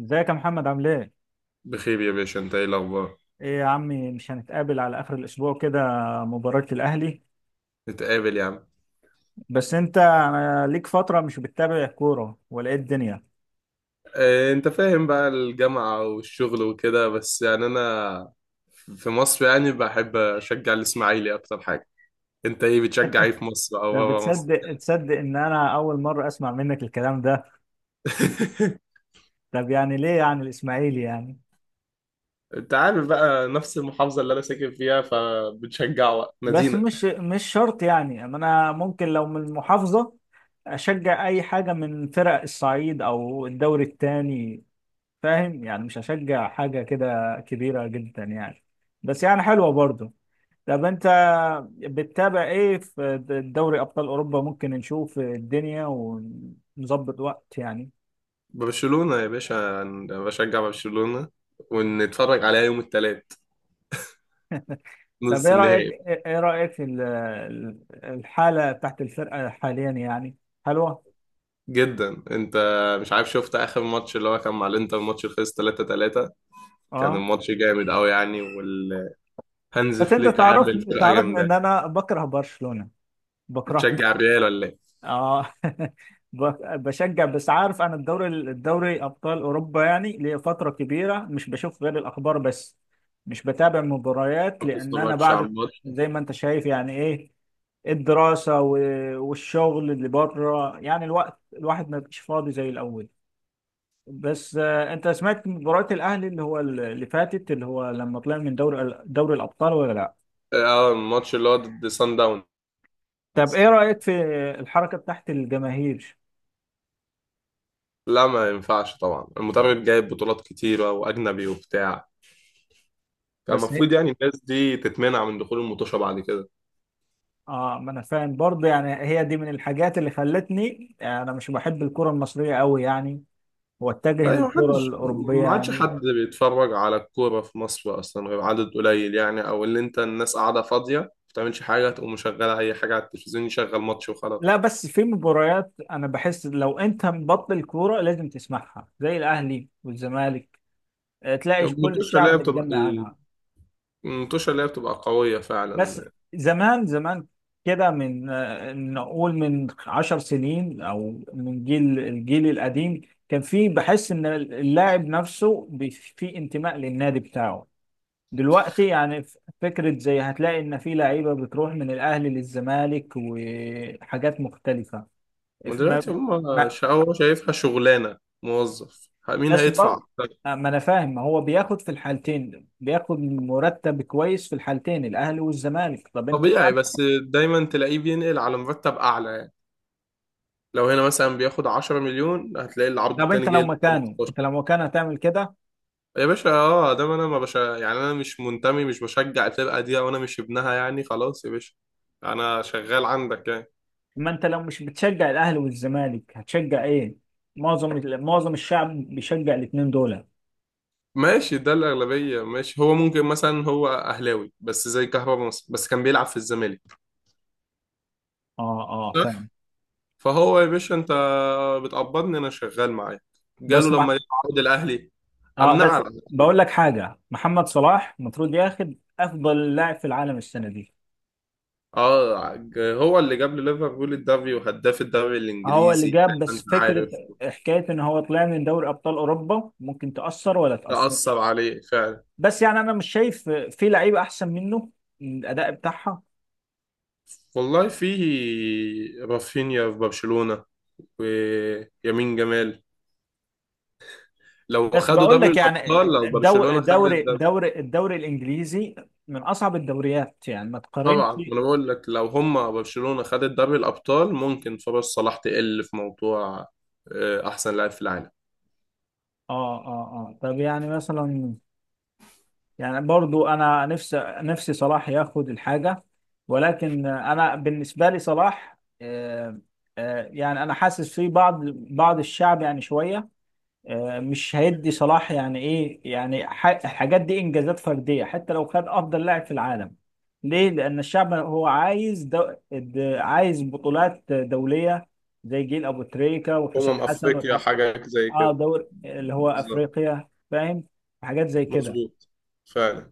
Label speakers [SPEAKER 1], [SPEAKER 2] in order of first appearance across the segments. [SPEAKER 1] ازيك يا محمد؟ عامل ايه؟
[SPEAKER 2] بخير يا باشا، انت ايه الاخبار؟
[SPEAKER 1] ايه يا عمي، مش هنتقابل على اخر الاسبوع كده؟ مباراة الاهلي.
[SPEAKER 2] نتقابل يا عم.
[SPEAKER 1] بس انت، انا ليك فترة مش بتتابع كورة ولا ايه الدنيا؟
[SPEAKER 2] اه، انت فاهم بقى، الجامعة والشغل وكده، بس يعني انا في مصر يعني بحب اشجع الاسماعيلي اكتر حاجة. انت ايه بتشجع ايه في مصر او
[SPEAKER 1] طب
[SPEAKER 2] بابا مصر؟
[SPEAKER 1] بتصدق ان انا اول مرة اسمع منك الكلام ده؟ طب يعني ليه يعني الاسماعيلي يعني؟
[SPEAKER 2] انت عارف بقى، نفس المحافظة اللي انا ساكن فيها فبتشجع بقى
[SPEAKER 1] بس
[SPEAKER 2] مدينة.
[SPEAKER 1] مش شرط، يعني انا ممكن لو من المحافظة اشجع اي حاجة من فرق الصعيد او الدوري التاني. فاهم؟ يعني مش هشجع حاجة كده كبيرة جدا يعني. بس يعني حلوة برضه. طب انت بتتابع ايه في دوري ابطال اوروبا؟ ممكن نشوف الدنيا ونظبط وقت يعني.
[SPEAKER 2] برشلونة يا باشا، انا بشجع برشلونة ونتفرج عليها يوم الثلاث،
[SPEAKER 1] طب
[SPEAKER 2] نص
[SPEAKER 1] ايه رايك،
[SPEAKER 2] النهائي.
[SPEAKER 1] في الحاله بتاعت الفرقه حاليا يعني؟ حلوه.
[SPEAKER 2] جدا. انت مش عارف شفت اخر ماتش اللي هو كان مع الانتر، ماتش اللي خلص 3-3؟ كان
[SPEAKER 1] اه،
[SPEAKER 2] الماتش جامد قوي يعني، والهانز
[SPEAKER 1] بس انت
[SPEAKER 2] فليك عامل فرقه
[SPEAKER 1] تعرفني
[SPEAKER 2] جامده
[SPEAKER 1] ان
[SPEAKER 2] يعني.
[SPEAKER 1] انا بكره برشلونه. بكرهها.
[SPEAKER 2] بتشجع الريال ولا ايه؟
[SPEAKER 1] اه. بشجع، بس عارف، انا الدوري ابطال اوروبا يعني لفتره كبيره مش بشوف غير الاخبار بس. مش بتابع مباريات،
[SPEAKER 2] ما
[SPEAKER 1] لان انا
[SPEAKER 2] بتتفرجش على
[SPEAKER 1] بعد،
[SPEAKER 2] الماتش.
[SPEAKER 1] زي ما انت شايف يعني، ايه، والشغل اللي بره، يعني الوقت الواحد ما بقاش فاضي زي الاول. بس انت سمعت مباراه الاهلي اللي هو اللي فاتت، اللي هو لما طلع من دوري الابطال ولا لا؟
[SPEAKER 2] اه، الماتش اللي هو ضد سان داونز.
[SPEAKER 1] طب ايه رايك في الحركه بتاعت الجماهير؟
[SPEAKER 2] لا، ما ينفعش طبعا، المدرب جايب بطولات كتيره واجنبي وبتاع. كان
[SPEAKER 1] بس
[SPEAKER 2] المفروض يعني الناس دي تتمنع من دخول المطوشه بعد كده.
[SPEAKER 1] اه، ما انا فاهم برضه، يعني هي دي من الحاجات اللي خلتني يعني انا مش بحب الكرة المصرية قوي، يعني واتجه
[SPEAKER 2] ايوه،
[SPEAKER 1] للكرة
[SPEAKER 2] محدش
[SPEAKER 1] الأوروبية
[SPEAKER 2] ما عادش
[SPEAKER 1] يعني.
[SPEAKER 2] حد بيتفرج على الكوره في مصر اصلا غير عدد قليل يعني، او اللي انت الناس قاعده فاضيه ما بتعملش حاجه تقوم مشغله اي حاجه على التلفزيون، يشغل ماتش وخلاص.
[SPEAKER 1] لا، بس في مباريات انا بحس لو انت مبطل الكورة لازم تسمعها، زي الاهلي والزمالك. تلاقي كل
[SPEAKER 2] المطوشه اللي هي
[SPEAKER 1] الشعب
[SPEAKER 2] بتبقى،
[SPEAKER 1] متجمع عنها.
[SPEAKER 2] المنتوشة اللي هي بتبقى قوية
[SPEAKER 1] بس
[SPEAKER 2] فعلا.
[SPEAKER 1] زمان، كده، من نقول من 10 سنين، او من الجيل القديم، كان في، بحس ان اللاعب نفسه في انتماء للنادي بتاعه. دلوقتي يعني، فكرة زي، هتلاقي إن في لعيبة بتروح من الأهلي للزمالك وحاجات مختلفة.
[SPEAKER 2] ما
[SPEAKER 1] ف- ما
[SPEAKER 2] دلوقتي هم،
[SPEAKER 1] ما
[SPEAKER 2] هو شايفها شغلانة، موظف مين
[SPEAKER 1] بس
[SPEAKER 2] هيدفع
[SPEAKER 1] برضه
[SPEAKER 2] أكتر؟
[SPEAKER 1] ما أنا فاهم. ما هو بياخد في الحالتين، بياخد مرتب كويس في الحالتين، الأهلي والزمالك. طب أنت،
[SPEAKER 2] طبيعي، بس دايما تلاقيه بينقل على مرتب أعلى يعني. لو هنا مثلا بياخد 10 مليون هتلاقي العرض التاني
[SPEAKER 1] لو
[SPEAKER 2] جاي له
[SPEAKER 1] مكانه،
[SPEAKER 2] 15.
[SPEAKER 1] هتعمل كده؟
[SPEAKER 2] يا باشا اه، ده ما انا ما بشا يعني، انا مش منتمي، مش بشجع الفرقة دي وانا مش ابنها يعني، خلاص يا باشا. انا شغال عندك يعني.
[SPEAKER 1] ما أنت لو مش بتشجع الأهلي والزمالك هتشجع إيه؟ معظم الشعب بيشجع الاتنين دول. أه.
[SPEAKER 2] ماشي، ده الأغلبية ماشي. هو ممكن مثلا هو أهلاوي بس، زي كهربا مصر بس كان بيلعب في الزمالك.
[SPEAKER 1] أه، فاهم.
[SPEAKER 2] فهو يا باشا، انت بتقبضني، انا شغال معاك، جاله
[SPEAKER 1] بس
[SPEAKER 2] لما يقعد الاهلي
[SPEAKER 1] اه،
[SPEAKER 2] امنعه
[SPEAKER 1] بس
[SPEAKER 2] على طول.
[SPEAKER 1] بقول لك حاجه: محمد صلاح المفروض ياخد افضل لاعب في العالم السنه دي.
[SPEAKER 2] اه، هو اللي جاب ليفربول الدوري، وهداف الدوري
[SPEAKER 1] هو اللي
[SPEAKER 2] الانجليزي زي
[SPEAKER 1] جاب،
[SPEAKER 2] ما
[SPEAKER 1] بس
[SPEAKER 2] انت
[SPEAKER 1] فكره،
[SPEAKER 2] عارف.
[SPEAKER 1] حكايه ان هو طلع من دوري ابطال اوروبا ممكن تاثر، ولا
[SPEAKER 2] تأثر
[SPEAKER 1] تاثر؟
[SPEAKER 2] عليه فعلا.
[SPEAKER 1] بس يعني انا مش شايف في لعيبه احسن منه من الاداء بتاعها.
[SPEAKER 2] والله، في رافينيا في برشلونة ويمين جمال، لو
[SPEAKER 1] بس
[SPEAKER 2] خدوا
[SPEAKER 1] بقول
[SPEAKER 2] دوري
[SPEAKER 1] لك يعني،
[SPEAKER 2] الابطال، لو برشلونة خدت الدوري.
[SPEAKER 1] الدوري الانجليزي من اصعب الدوريات، يعني ما تقارنش.
[SPEAKER 2] طبعا، انا بقول لك لو هم برشلونة خدت دوري الابطال ممكن فرص صلاح تقل في موضوع احسن لاعب في العالم.
[SPEAKER 1] اه. اه طب يعني مثلا، يعني برضو انا نفسي، صلاح ياخد الحاجه. ولكن انا بالنسبه لي، صلاح، يعني انا حاسس في بعض الشعب يعني شويه مش هيدي صلاح يعني. ايه يعني؟ الحاجات دي انجازات فرديه. حتى لو خد افضل لاعب في العالم، ليه؟ لان الشعب هو عايز عايز بطولات دوليه، زي جيل ابو تريكه وحسام
[SPEAKER 2] أمم
[SPEAKER 1] حسن
[SPEAKER 2] أفريقيا
[SPEAKER 1] والحاجات.
[SPEAKER 2] حاجة زي
[SPEAKER 1] اه،
[SPEAKER 2] كده.
[SPEAKER 1] دور اللي هو
[SPEAKER 2] بالظبط.
[SPEAKER 1] افريقيا، فاهم؟ حاجات زي كده.
[SPEAKER 2] مظبوط. فعلا.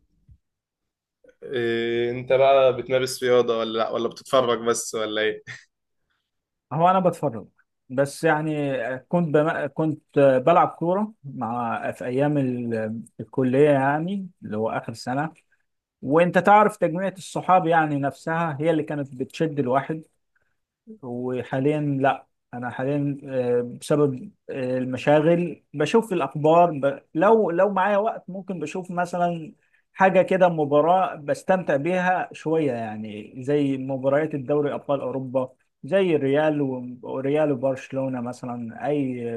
[SPEAKER 2] إيه، أنت بقى بتمارس رياضة ولا لأ، ولا بتتفرج بس ولا إيه؟
[SPEAKER 1] هو انا بتفرج، بس يعني كنت بلعب كوره مع، في ايام الكليه، يعني اللي هو اخر سنه. وانت تعرف، تجميعة الصحاب يعني نفسها هي اللي كانت بتشد الواحد. وحاليا لا، انا حاليا بسبب المشاغل بشوف الاخبار، لو معايا وقت ممكن بشوف مثلا حاجه كده، مباراه بستمتع بيها شويه، يعني زي مباريات الدوري ابطال اوروبا، زي الريال وريال وبرشلونه مثلا، اي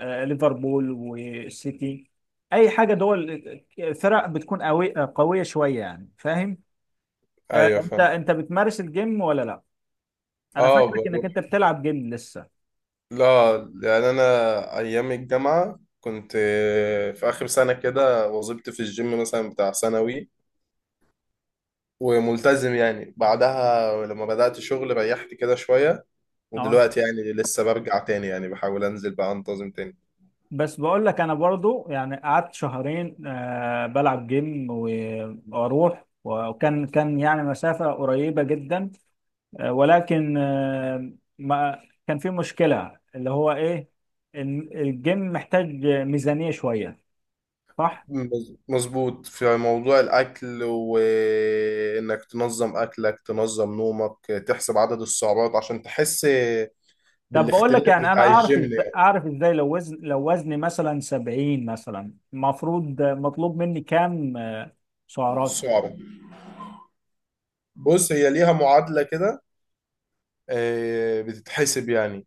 [SPEAKER 1] ليفربول والسيتي، اي حاجه دول، فرق بتكون قويه شويه يعني، فاهم؟
[SPEAKER 2] أيوه
[SPEAKER 1] انت،
[SPEAKER 2] فاهم.
[SPEAKER 1] بتمارس الجيم ولا لا؟ انا
[SPEAKER 2] أه
[SPEAKER 1] فاكرك انك
[SPEAKER 2] بروح.
[SPEAKER 1] انت بتلعب جيم لسه.
[SPEAKER 2] لا، يعني أنا أيام الجامعة كنت في آخر سنة كده وظبت في الجيم مثلا، بتاع ثانوي. وملتزم يعني. بعدها لما بدأت شغل ريحت كده شوية،
[SPEAKER 1] اه،
[SPEAKER 2] ودلوقتي يعني لسه برجع تاني يعني، بحاول أنزل بقى أنتظم تاني.
[SPEAKER 1] بس بقول لك انا برضو، يعني قعدت شهرين آه بلعب جيم واروح، وكان يعني مسافة قريبة جدا، آه، ولكن آه، ما كان في مشكلة اللي هو ايه، الجيم محتاج ميزانية شوية، صح؟
[SPEAKER 2] مظبوط في موضوع الأكل، وإنك تنظم أكلك، تنظم نومك، تحسب عدد السعرات عشان تحس
[SPEAKER 1] طب بقول لك
[SPEAKER 2] بالاختلاف
[SPEAKER 1] يعني، انا
[SPEAKER 2] بتاع
[SPEAKER 1] اعرف
[SPEAKER 2] الجيم
[SPEAKER 1] ازاي،
[SPEAKER 2] يعني.
[SPEAKER 1] لو لو وزني مثلا 70 مثلا، المفروض مطلوب مني كام سعرات؟
[SPEAKER 2] السعرات، بص هي ليها معادلة كده، بتتحسب يعني.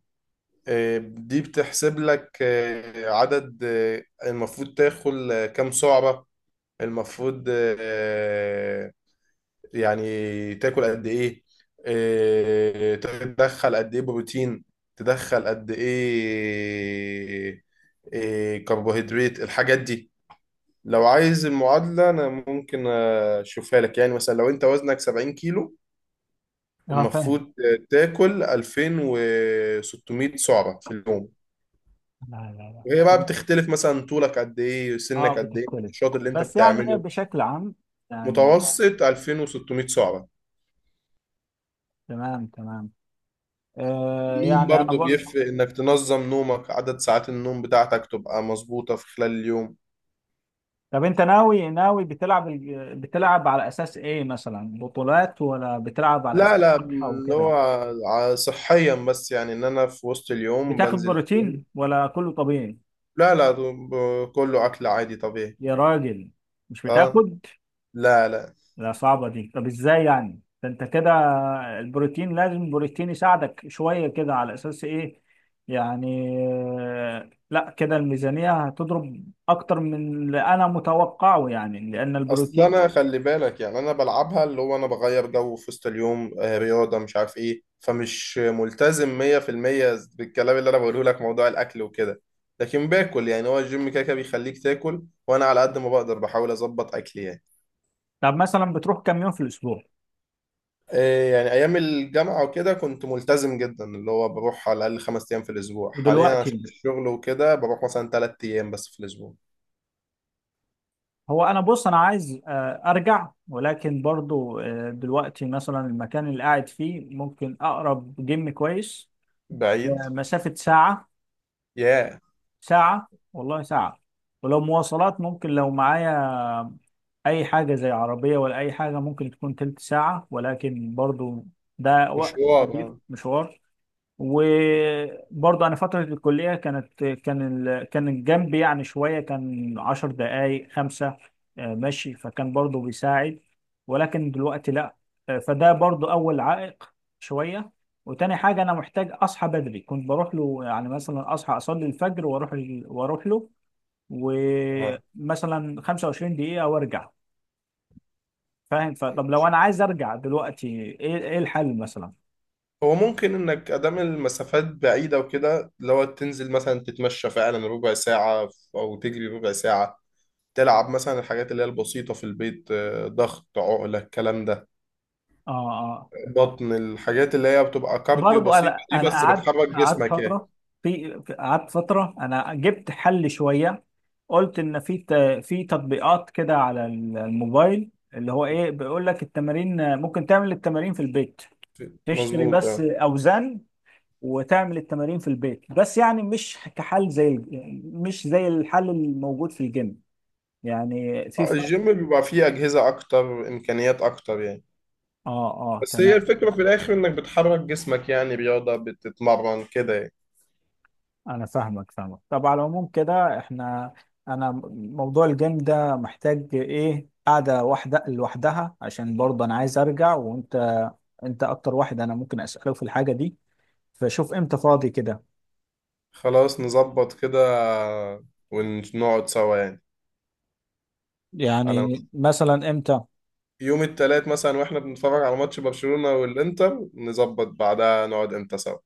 [SPEAKER 2] دي بتحسب لك عدد، المفروض تاكل كام سعرة المفروض، يعني تاكل قد ايه، تدخل قد ايه بروتين، تدخل قد ايه كربوهيدرات، الحاجات دي. لو عايز المعادلة انا ممكن اشوفها لك يعني. مثلا لو انت وزنك 70 كيلو
[SPEAKER 1] اه فاهم.
[SPEAKER 2] المفروض تاكل 2600 سعرة في اليوم.
[SPEAKER 1] لا لا
[SPEAKER 2] وهي بقى
[SPEAKER 1] لا.
[SPEAKER 2] بتختلف مثلا، طولك قد ايه،
[SPEAKER 1] اه
[SPEAKER 2] سنك قد ايه،
[SPEAKER 1] بتختلف.
[SPEAKER 2] النشاط اللي انت
[SPEAKER 1] بس يعني ايه
[SPEAKER 2] بتعمله.
[SPEAKER 1] بشكل عام يعني؟
[SPEAKER 2] متوسط 2600 سعرة.
[SPEAKER 1] تمام، تمام. آه
[SPEAKER 2] النوم
[SPEAKER 1] يعني انا
[SPEAKER 2] برضه
[SPEAKER 1] برضه.
[SPEAKER 2] بيفرق، انك تنظم نومك، عدد ساعات النوم بتاعتك تبقى مظبوطة في خلال اليوم.
[SPEAKER 1] طب انت ناوي، بتلعب بتلعب على اساس ايه، مثلا بطولات، ولا بتلعب على
[SPEAKER 2] لا
[SPEAKER 1] اساس
[SPEAKER 2] لا،
[SPEAKER 1] صحة
[SPEAKER 2] اللي
[SPEAKER 1] وكده؟
[SPEAKER 2] هو صحيا بس، يعني ان انا في وسط اليوم
[SPEAKER 1] بتاخد
[SPEAKER 2] بنزل الجيم.
[SPEAKER 1] بروتين ولا كله طبيعي؟
[SPEAKER 2] لا لا، كله اكل عادي طبيعي.
[SPEAKER 1] يا راجل، مش
[SPEAKER 2] اه.
[SPEAKER 1] بتاخد؟
[SPEAKER 2] لا لا.
[SPEAKER 1] لا، صعبة دي. طب ازاي يعني؟ ده انت كده البروتين، لازم البروتين يساعدك شوية. كده على اساس ايه يعني؟ لا كده الميزانية هتضرب اكتر من اللي انا متوقعه يعني، لان
[SPEAKER 2] اصل
[SPEAKER 1] البروتين.
[SPEAKER 2] انا خلي بالك يعني، انا بلعبها اللي هو انا بغير جو في وسط اليوم، رياضه مش عارف ايه، فمش ملتزم 100% بالكلام اللي انا بقوله لك، موضوع الاكل وكده. لكن باكل يعني، هو الجيم كده كده بيخليك تاكل، وانا على قد ما بقدر بحاول اظبط اكلي يعني.
[SPEAKER 1] طب مثلا بتروح كام يوم في الاسبوع؟
[SPEAKER 2] يعني ايام الجامعه وكده كنت ملتزم جدا، اللي هو بروح على الاقل خمس ايام في الاسبوع. حاليا
[SPEAKER 1] ودلوقتي،
[SPEAKER 2] عشان الشغل وكده بروح مثلا ثلاث ايام بس في الاسبوع.
[SPEAKER 1] هو انا بص، انا عايز ارجع، ولكن برضو دلوقتي مثلا المكان اللي قاعد فيه، ممكن اقرب جيم كويس
[SPEAKER 2] بعيد.
[SPEAKER 1] مسافة ساعة.
[SPEAKER 2] ياه.
[SPEAKER 1] ساعة، والله ساعة. ولو مواصلات، ممكن لو معايا أي حاجة زي عربية ولا أي حاجة ممكن تكون تلت ساعة، ولكن برضو ده وقت
[SPEAKER 2] مشوار،
[SPEAKER 1] كبير،
[SPEAKER 2] اه.
[SPEAKER 1] مشوار. وبرضه انا فتره الكليه، كان الجنب يعني شويه، كان 10 دقائق، خمسه مشي، فكان برضه بيساعد. ولكن دلوقتي لا. فده برضه اول عائق شويه. وتاني حاجه، انا محتاج اصحى بدري. كنت بروح له يعني، مثلا اصحى اصلي الفجر واروح له،
[SPEAKER 2] آه.
[SPEAKER 1] ومثلا 25 دقيقه وارجع. فاهم؟ فطب لو انا عايز ارجع دلوقتي، ايه، الحل مثلا؟
[SPEAKER 2] هو ممكن انك ادام المسافات بعيده وكده لو تنزل مثلا تتمشى فعلا ربع ساعه، او تجري ربع ساعه، تلعب مثلا الحاجات اللي هي البسيطه في البيت، ضغط، عقله، الكلام ده،
[SPEAKER 1] اه
[SPEAKER 2] بطن، الحاجات اللي هي بتبقى كارديو
[SPEAKER 1] برضو
[SPEAKER 2] بسيطه
[SPEAKER 1] انا،
[SPEAKER 2] دي، بس بتحرك
[SPEAKER 1] قعدت
[SPEAKER 2] جسمك يعني.
[SPEAKER 1] فتره، قعدت فتره، انا جبت حل شويه. قلت ان في في تطبيقات كده على الموبايل اللي هو ايه، بيقول لك التمارين، ممكن تعمل التمارين في البيت، تشتري
[SPEAKER 2] مظبوط.
[SPEAKER 1] بس
[SPEAKER 2] آه.
[SPEAKER 1] اوزان وتعمل التمارين في البيت. بس يعني مش كحل زي مش زي الحل الموجود في الجيم، يعني في فرق.
[SPEAKER 2] الجيم بيبقى فيه اجهزه اكتر، امكانيات اكتر يعني.
[SPEAKER 1] اه. اه
[SPEAKER 2] بس
[SPEAKER 1] تمام.
[SPEAKER 2] هي الفكره في الاخر انك بتحرك جسمك يعني، رياضه، بتتمرن كده يعني.
[SPEAKER 1] انا فاهمك، طب على العموم كده احنا، انا موضوع الجيم ده محتاج ايه، قاعده واحده لوحدها، عشان برضه انا عايز ارجع، وانت اكتر واحد انا ممكن اساله في الحاجه دي. فشوف امتى فاضي كده.
[SPEAKER 2] خلاص نظبط كده ونقعد سوا يعني. على
[SPEAKER 1] يعني مثلا امتى؟
[SPEAKER 2] يوم التلات مثلا واحنا بنتفرج على ماتش برشلونة والإنتر نظبط، بعدها نقعد امتى سوا.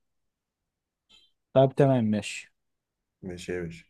[SPEAKER 1] طب تمام، ماشي.
[SPEAKER 2] ماشي يا باشا.